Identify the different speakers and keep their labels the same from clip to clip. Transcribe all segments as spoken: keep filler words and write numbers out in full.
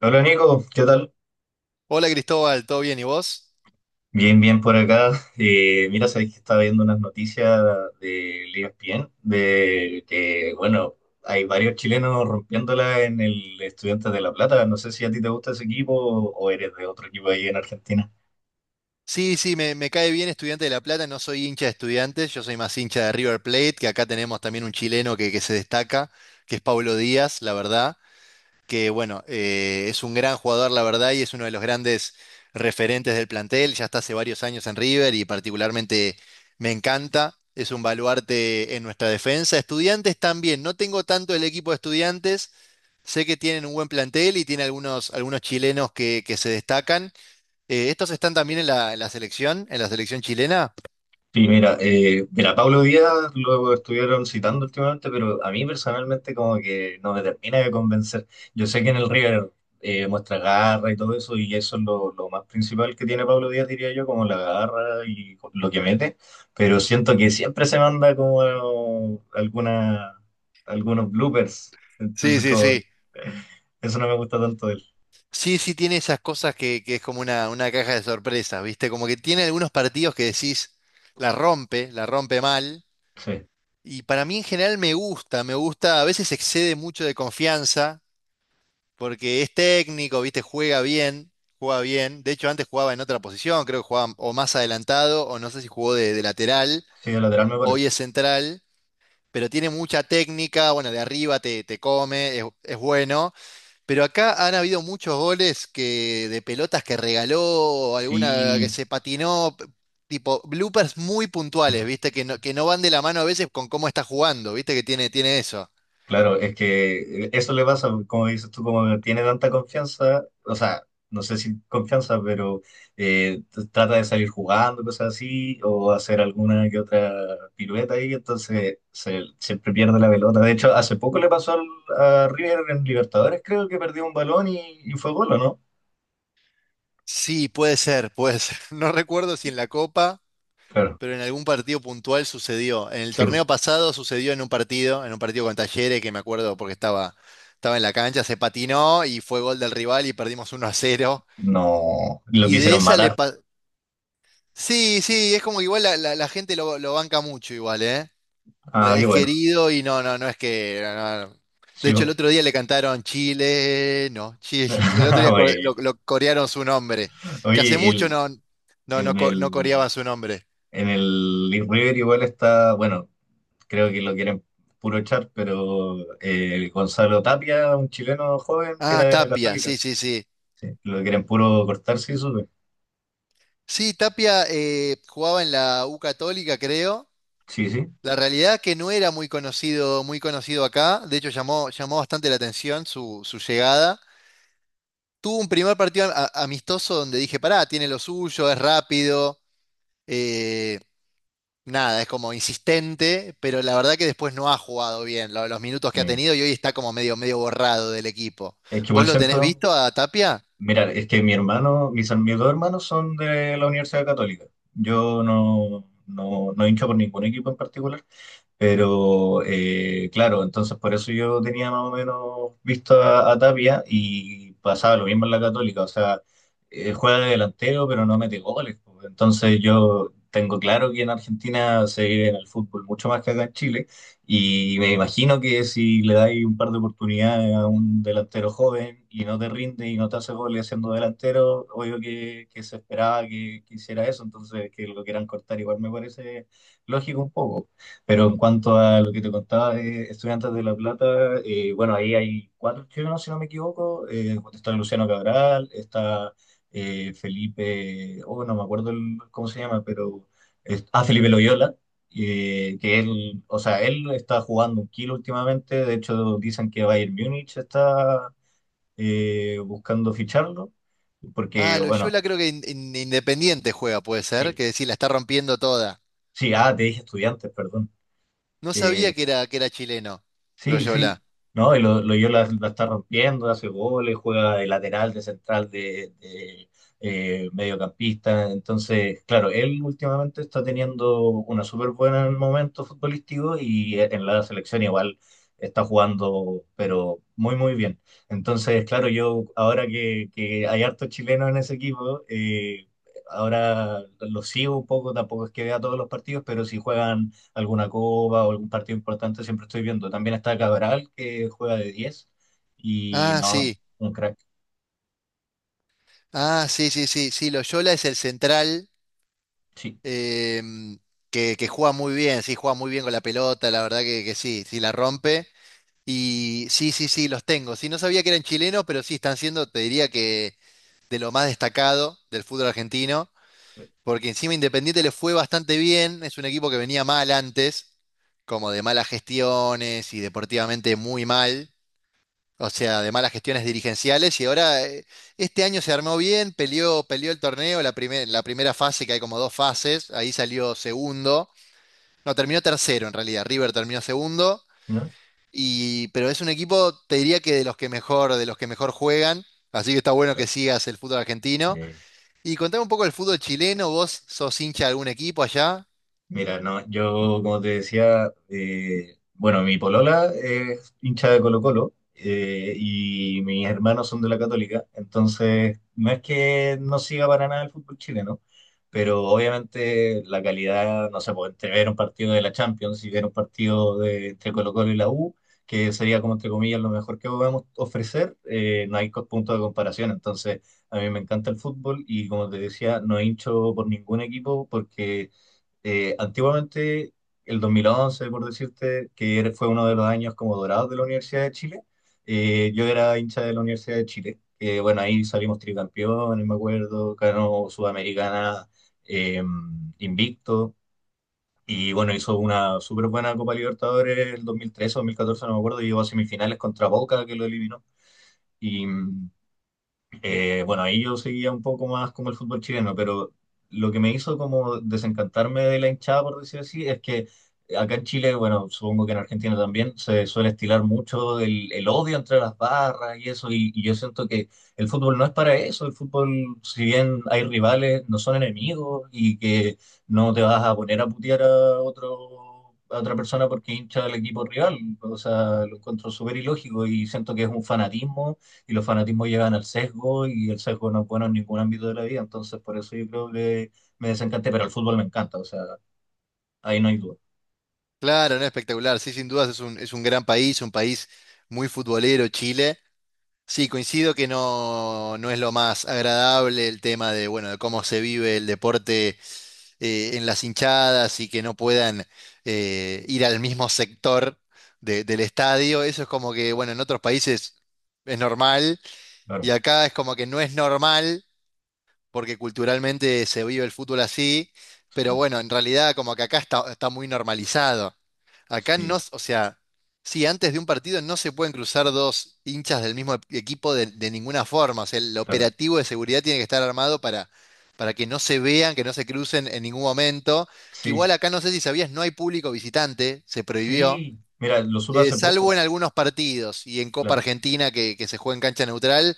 Speaker 1: Hola Nico, ¿qué tal?
Speaker 2: Hola Cristóbal, ¿todo bien? ¿Y vos?
Speaker 1: Bien, bien por acá. Eh, mira, sabéis que estaba viendo unas noticias del E S P N, de que, bueno, hay varios chilenos rompiéndola en el Estudiantes de La Plata. No sé si a ti te gusta ese equipo o o eres de otro equipo ahí en Argentina.
Speaker 2: Sí, sí, me, me cae bien Estudiante de La Plata, no soy hincha de Estudiantes, yo soy más hincha de River Plate, que acá tenemos también un chileno que, que se destaca, que es Pablo Díaz, la verdad, que bueno, eh, es un gran jugador, la verdad, y es uno de los grandes referentes del plantel, ya está hace varios años en River y particularmente me encanta, es un baluarte en nuestra defensa. Estudiantes también, no tengo tanto el equipo de Estudiantes, sé que tienen un buen plantel y tiene algunos, algunos chilenos que que se destacan. Eh, ¿estos están también en la, en la selección, en la selección chilena?
Speaker 1: Sí, mira, eh, mira, Pablo Díaz lo estuvieron citando últimamente, pero a mí personalmente como que no me termina de convencer. Yo sé que en el River eh, muestra garra y todo eso, y eso es lo, lo más principal que tiene Pablo Díaz, diría yo, como la garra y lo que mete, pero siento que siempre se manda como alguna, algunos bloopers,
Speaker 2: Sí,
Speaker 1: entonces
Speaker 2: sí,
Speaker 1: como que
Speaker 2: sí.
Speaker 1: eso no me gusta tanto de él.
Speaker 2: Sí, sí, tiene esas cosas que, que es como una, una caja de sorpresas, ¿viste? Como que tiene algunos partidos que decís, la rompe, la rompe mal.
Speaker 1: Sí,
Speaker 2: Y para mí en general me gusta, me gusta, a veces excede mucho de confianza, porque es técnico, ¿viste? Juega bien, juega bien. De hecho, antes jugaba en otra posición, creo que jugaba o más adelantado, o no sé si jugó de, de lateral,
Speaker 1: sí, de lateral me parece.
Speaker 2: hoy es central. Pero tiene mucha técnica, bueno, de arriba te, te come, es, es bueno, pero acá han habido muchos goles que, de pelotas que regaló, alguna que
Speaker 1: Sí.
Speaker 2: se patinó, p- tipo bloopers muy puntuales, ¿viste? Que no, que no van de la mano a veces con cómo está jugando, ¿viste? Que tiene, tiene eso.
Speaker 1: Claro, es que eso le pasa, como dices tú, como no tiene tanta confianza, o sea, no sé si confianza, pero eh, t- trata de salir jugando, cosas así, o hacer alguna que otra pirueta ahí, entonces se, siempre pierde la pelota. De hecho, hace poco le pasó al- a River en Libertadores, creo que perdió un balón y, y fue gol, ¿o no?
Speaker 2: Sí, puede ser, puede ser. No recuerdo si en la Copa.
Speaker 1: Claro,
Speaker 2: Pero en algún partido puntual sucedió. En el
Speaker 1: sí, po.
Speaker 2: torneo pasado sucedió en un partido, en un partido con Talleres, que me acuerdo porque estaba, estaba en la cancha, se patinó y fue gol del rival y perdimos uno a cero.
Speaker 1: No, lo
Speaker 2: Y de
Speaker 1: quisieron
Speaker 2: esa le
Speaker 1: matar.
Speaker 2: pa- sí, sí, es como que igual la, la- la gente lo, lo banca mucho igual, ¿eh?
Speaker 1: Ah,
Speaker 2: Le-
Speaker 1: qué
Speaker 2: Es
Speaker 1: bueno,
Speaker 2: querido y no, no, no es que... no, no. No. De
Speaker 1: sí,
Speaker 2: hecho, el
Speaker 1: po.
Speaker 2: otro día le cantaron Chile, no, Chile. El otro día co- lo,
Speaker 1: Bueno.
Speaker 2: lo corearon su nombre, que hace
Speaker 1: Oye,
Speaker 2: mucho
Speaker 1: el,
Speaker 2: no, no, no,
Speaker 1: el,
Speaker 2: co- no
Speaker 1: el-
Speaker 2: coreaban su nombre.
Speaker 1: en el Leaf River igual está, bueno, creo que lo quieren puro echar, pero eh, Gonzalo Tapia, un chileno joven que
Speaker 2: Ah,
Speaker 1: era de la
Speaker 2: Tapia,
Speaker 1: Católica,
Speaker 2: sí, sí, sí.
Speaker 1: lo quieren puro cortar, sí, supe.
Speaker 2: Sí, Tapia eh, jugaba en la U Católica, creo.
Speaker 1: Sí, sí.
Speaker 2: La realidad es que no era muy conocido, muy conocido acá. De hecho, llamó, llamó bastante la atención su, su llegada. Tuvo un primer partido a- amistoso donde dije, pará, tiene lo suyo, es rápido, eh, nada, es como insistente, pero la verdad que después no ha jugado bien lo- los minutos que ha
Speaker 1: eh,
Speaker 2: tenido y hoy está como medio, medio borrado del equipo.
Speaker 1: Es que
Speaker 2: ¿Vos
Speaker 1: igual
Speaker 2: lo tenés
Speaker 1: siento,
Speaker 2: visto a Tapia?
Speaker 1: mira, es que mi hermano, mis, mis dos hermanos son de la Universidad Católica. Yo no, no, no hincho por ningún equipo en particular, pero eh, claro, entonces por eso yo tenía más o menos visto a, a Tapia y pasaba lo mismo en la Católica. O sea, eh, juega de delantero, pero no mete goles, po. Entonces yo tengo claro que en Argentina se vive en el fútbol mucho más que acá en Chile. Y me imagino que si le dais un par de oportunidades a un delantero joven y no te rinde y no te hace goles siendo delantero, obvio que, que se esperaba que, que hiciera eso. Entonces que lo quieran cortar igual me parece lógico un poco. Pero en cuanto a lo que te contaba de Estudiantes de La Plata, eh, bueno, ahí hay cuatro chilenos, si no me equivoco. Eh, está Luciano Cabral, está eh, Felipe, oh, no me acuerdo el- cómo se llama, pero es- ah, Felipe Loyola, eh, que él, o sea, él está jugando un kilo últimamente. De hecho, dicen que Bayern Múnich está eh, buscando ficharlo, porque,
Speaker 2: Ah,
Speaker 1: bueno,
Speaker 2: Loyola creo que in- in- Independiente juega, puede ser,
Speaker 1: sí,
Speaker 2: que decir, la está rompiendo toda.
Speaker 1: sí, ah, te dije Estudiantes, perdón.
Speaker 2: No
Speaker 1: Eh,
Speaker 2: sabía que era, que era chileno,
Speaker 1: Sí, sí.
Speaker 2: Loyola.
Speaker 1: No, y lo, lo yo la, la está rompiendo, hace goles, juega de lateral, de central, de, de, eh, mediocampista. Entonces, claro, él últimamente está teniendo una súper buena en el momento futbolístico y e, en la selección igual está jugando, pero muy, muy bien. Entonces, claro, yo ahora que, que hay hartos chilenos en ese equipo, eh, ahora los sigo un poco, tampoco es que vea todos los partidos, pero si juegan alguna copa o algún partido importante, siempre estoy viendo. También está Cabral, que juega de diez y
Speaker 2: Ah,
Speaker 1: no,
Speaker 2: sí.
Speaker 1: un crack,
Speaker 2: Ah, sí, sí, sí. Sí, Loyola es el central
Speaker 1: sí.
Speaker 2: em, que, que juega muy bien. Sí, juega muy bien con la pelota, la verdad que, que sí, sí la rompe. Y sí, sí, sí, los tengo. Sí, no sabía que eran chilenos, pero sí están siendo, te diría que de lo más destacado del fútbol argentino, porque encima Independiente le fue bastante bien. Es un equipo que venía mal antes, como de malas gestiones y deportivamente muy mal. O sea, de malas gestiones dirigenciales y ahora eh, este año se armó bien, peleó, peleó el torneo, la primer- la primera fase, que hay como dos fases, ahí salió segundo, no, terminó tercero en realidad, River terminó segundo,
Speaker 1: ¿No?
Speaker 2: y, pero es un equipo, te diría que de los que mejor, de los que mejor juegan, así que está bueno que sigas el fútbol argentino.
Speaker 1: Sí.
Speaker 2: Y contame un poco el fútbol chileno, vos sos hincha de algún equipo allá.
Speaker 1: Mira, no, yo como te decía, eh, bueno, mi polola es hincha de Colo-Colo eh, y mis hermanos son de la Católica, entonces no es que no siga para nada el fútbol chileno, pero obviamente la calidad, no sé, pues entre ver un partido de la Champions y ver un partido de, entre Colo-Colo y la U, que sería como entre comillas lo mejor que podemos ofrecer, eh, no hay co- punto de comparación, entonces a mí me encanta el fútbol y como te decía, no hincho por ningún equipo porque eh, antiguamente, el dos mil once por decirte, que era- fue uno de los años como dorados de la Universidad de Chile, eh, yo era hincha de la Universidad de Chile. Eh, bueno, ahí salimos tricampeones, me acuerdo, ganó Sudamericana eh, invicto. Y bueno, hizo una súper buena Copa Libertadores el dos mil trece o dos mil catorce no me acuerdo, y llegó a semifinales contra Boca, que lo eliminó. Y, eh, bueno, ahí yo seguía un poco más como el fútbol chileno, pero lo que me hizo como desencantarme de la hinchada, por decir así, es que acá en Chile, bueno, supongo que en Argentina también, se suele estilar mucho el, el odio entre las barras y eso, y, y yo siento que el fútbol no es para eso, el fútbol, si bien hay rivales, no son enemigos y que no te vas a poner a putear a otro a otra persona porque hincha del equipo rival, o sea, lo encuentro súper ilógico y siento que es un fanatismo y los fanatismos llegan al sesgo y el sesgo no es bueno en ningún ámbito de la vida, entonces por eso yo creo que me desencanté, pero el fútbol me encanta, o sea, ahí no hay duda,
Speaker 2: Claro, no espectacular, sí, sin dudas es un, es un gran país, un país muy futbolero, Chile. Sí, coincido que no, no es lo más agradable el tema de, bueno, de cómo se vive el deporte eh, en las hinchadas y que no puedan eh, ir al mismo sector de- del estadio. Eso es como que, bueno, en otros países es normal y
Speaker 1: claro,
Speaker 2: acá es como que no es normal porque culturalmente se vive el fútbol así, pero
Speaker 1: sí,
Speaker 2: bueno, en realidad como que acá está, está muy normalizado. Acá no,
Speaker 1: sí,
Speaker 2: s- o sea, sí, antes de un partido no se pueden cruzar dos hinchas del mismo e- equipo de, de ninguna forma. O sea, el
Speaker 1: claro,
Speaker 2: operativo de seguridad tiene que estar armado para, para que no se vean, que no se crucen en ningún momento. Que igual
Speaker 1: sí,
Speaker 2: acá no sé si sabías, no hay público visitante, se prohibió.
Speaker 1: sí, mira, lo supe
Speaker 2: Eh,
Speaker 1: hace
Speaker 2: salvo
Speaker 1: poco,
Speaker 2: en algunos partidos y en Copa
Speaker 1: claro,
Speaker 2: Argentina que, que se juega en cancha neutral,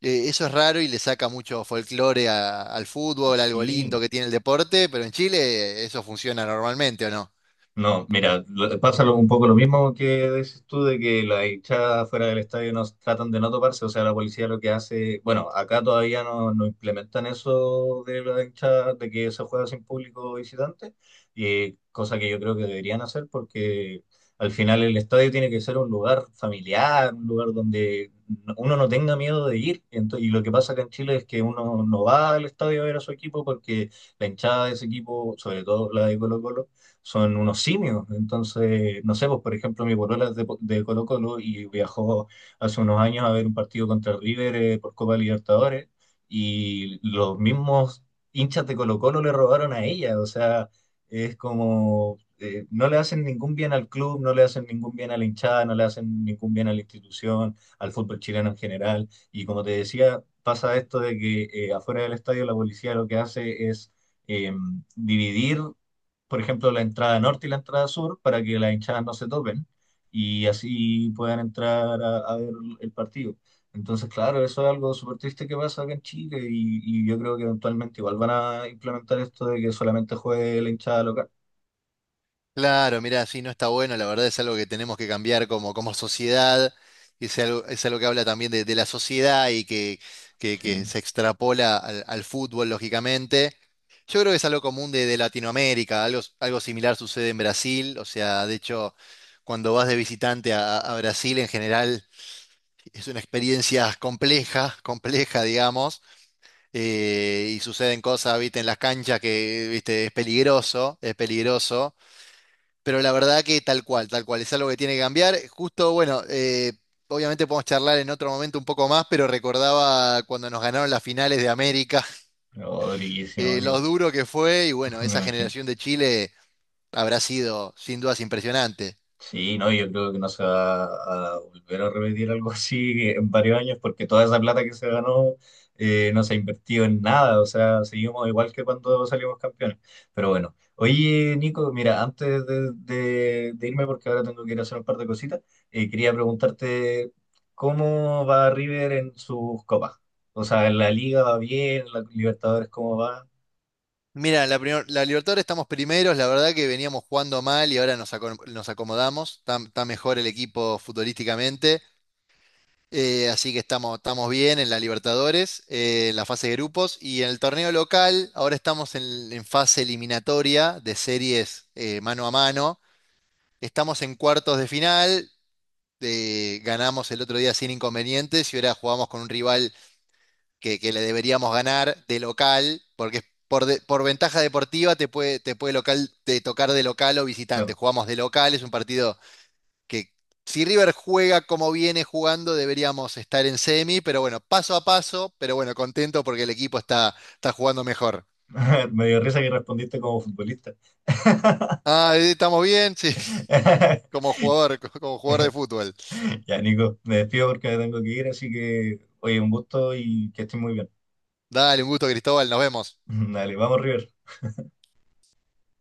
Speaker 2: eh, eso es raro y le saca mucho folclore a- al fútbol, algo
Speaker 1: sí.
Speaker 2: lindo que tiene el deporte, pero en Chile eh, eso funciona normalmente, ¿o no?
Speaker 1: No, mira, lo- pasa lo- un poco lo mismo que dices tú de que las hinchadas fuera del estadio nos tratan de no toparse, o sea, la policía lo que hace, bueno, acá todavía no, no implementan eso de la hinchada, de que se juega sin público visitante, y cosa que yo creo que deberían hacer porque al final el estadio tiene que ser un lugar familiar, un lugar donde no- uno no tenga miedo de ir. Ento- y lo que pasa acá en Chile es que uno no va al estadio a ver a su equipo porque la hinchada de ese equipo, sobre todo la de Colo-Colo, son unos simios. Entonces, no sé, pues por ejemplo, mi polola es de, de Colo-Colo y viajó hace unos años a ver un partido contra el River eh, por Copa Libertadores y los mismos hinchas de Colo-Colo le robaron a ella. O sea, es como eh, no le hacen ningún bien al club, no le hacen ningún bien a la hinchada, no le hacen ningún bien a la institución, al fútbol chileno en general. Y como te decía, pasa esto de que eh, afuera del estadio la policía lo que hace es eh, dividir por ejemplo, la entrada norte y la entrada sur para que las hinchadas no se topen y así puedan entrar a, a ver el partido. Entonces, claro, eso es algo súper triste que pasa acá en Chile y, y yo creo que eventualmente igual van a implementar esto de que solamente juegue la hinchada local.
Speaker 2: Claro, mirá, sí, no está bueno, la verdad es algo que tenemos que cambiar como, como sociedad, es algo, es algo que habla también de, de la sociedad y que, que- que
Speaker 1: Sí,
Speaker 2: se extrapola al, al fútbol, lógicamente. Yo creo que es algo común de, de Latinoamérica, algo, algo similar sucede en Brasil, o sea, de hecho, cuando vas de visitante a a- a Brasil en general. Es una experiencia compleja, compleja, digamos, eh, y suceden cosas, viste, en las canchas que, viste, es peligroso, es peligroso, pero la verdad que tal cual, tal cual, es algo que tiene que cambiar. Justo, bueno, eh, obviamente podemos charlar en otro momento un poco más, pero recordaba cuando nos ganaron las finales de América,
Speaker 1: pero durísimo,
Speaker 2: eh, lo
Speaker 1: amigo,
Speaker 2: duro que fue, y bueno,
Speaker 1: me
Speaker 2: esa
Speaker 1: imagino.
Speaker 2: generación de Chile habrá sido sin dudas impresionante.
Speaker 1: Sí, no, yo creo que no se va a volver a repetir algo así en varios años porque toda esa plata que se ganó eh, no se ha invertido en nada, o sea, seguimos igual que cuando salimos campeones. Pero bueno, oye Nico, mira, antes de, de- de irme porque ahora tengo que ir a hacer un par de cositas, eh, quería preguntarte cómo va River en sus copas. O sea, en la Liga va bien, en la Libertadores cómo va.
Speaker 2: Mira, la, primer- la Libertadores estamos primeros, la verdad que veníamos jugando mal y ahora nos, acom- nos acomodamos, está, está mejor el equipo futbolísticamente, eh, así que estamos, estamos bien en la Libertadores, eh, en la fase de grupos y en el torneo local, ahora estamos en, en fase eliminatoria de series eh, mano a mano, estamos en cuartos de final, eh, ganamos el otro día sin inconvenientes y ahora jugamos con un rival que, que le deberíamos ganar de local, porque por, de- por ventaja deportiva te puede, te puede local, te tocar de local o visitante.
Speaker 1: Bueno,
Speaker 2: Jugamos de local, es un partido que si River juega como viene jugando, deberíamos estar en semi, pero bueno, paso a paso, pero bueno, contento porque el equipo está, está jugando mejor.
Speaker 1: me dio risa que respondiste como futbolista.
Speaker 2: Ah, eh, estamos bien, sí, como jugador, como jugador de fútbol.
Speaker 1: Ya, Nico, me despido porque me tengo que ir, así que, oye, un gusto y que estés muy bien.
Speaker 2: Dale, un gusto, Cristóbal, nos vemos.
Speaker 1: Dale, vamos, River.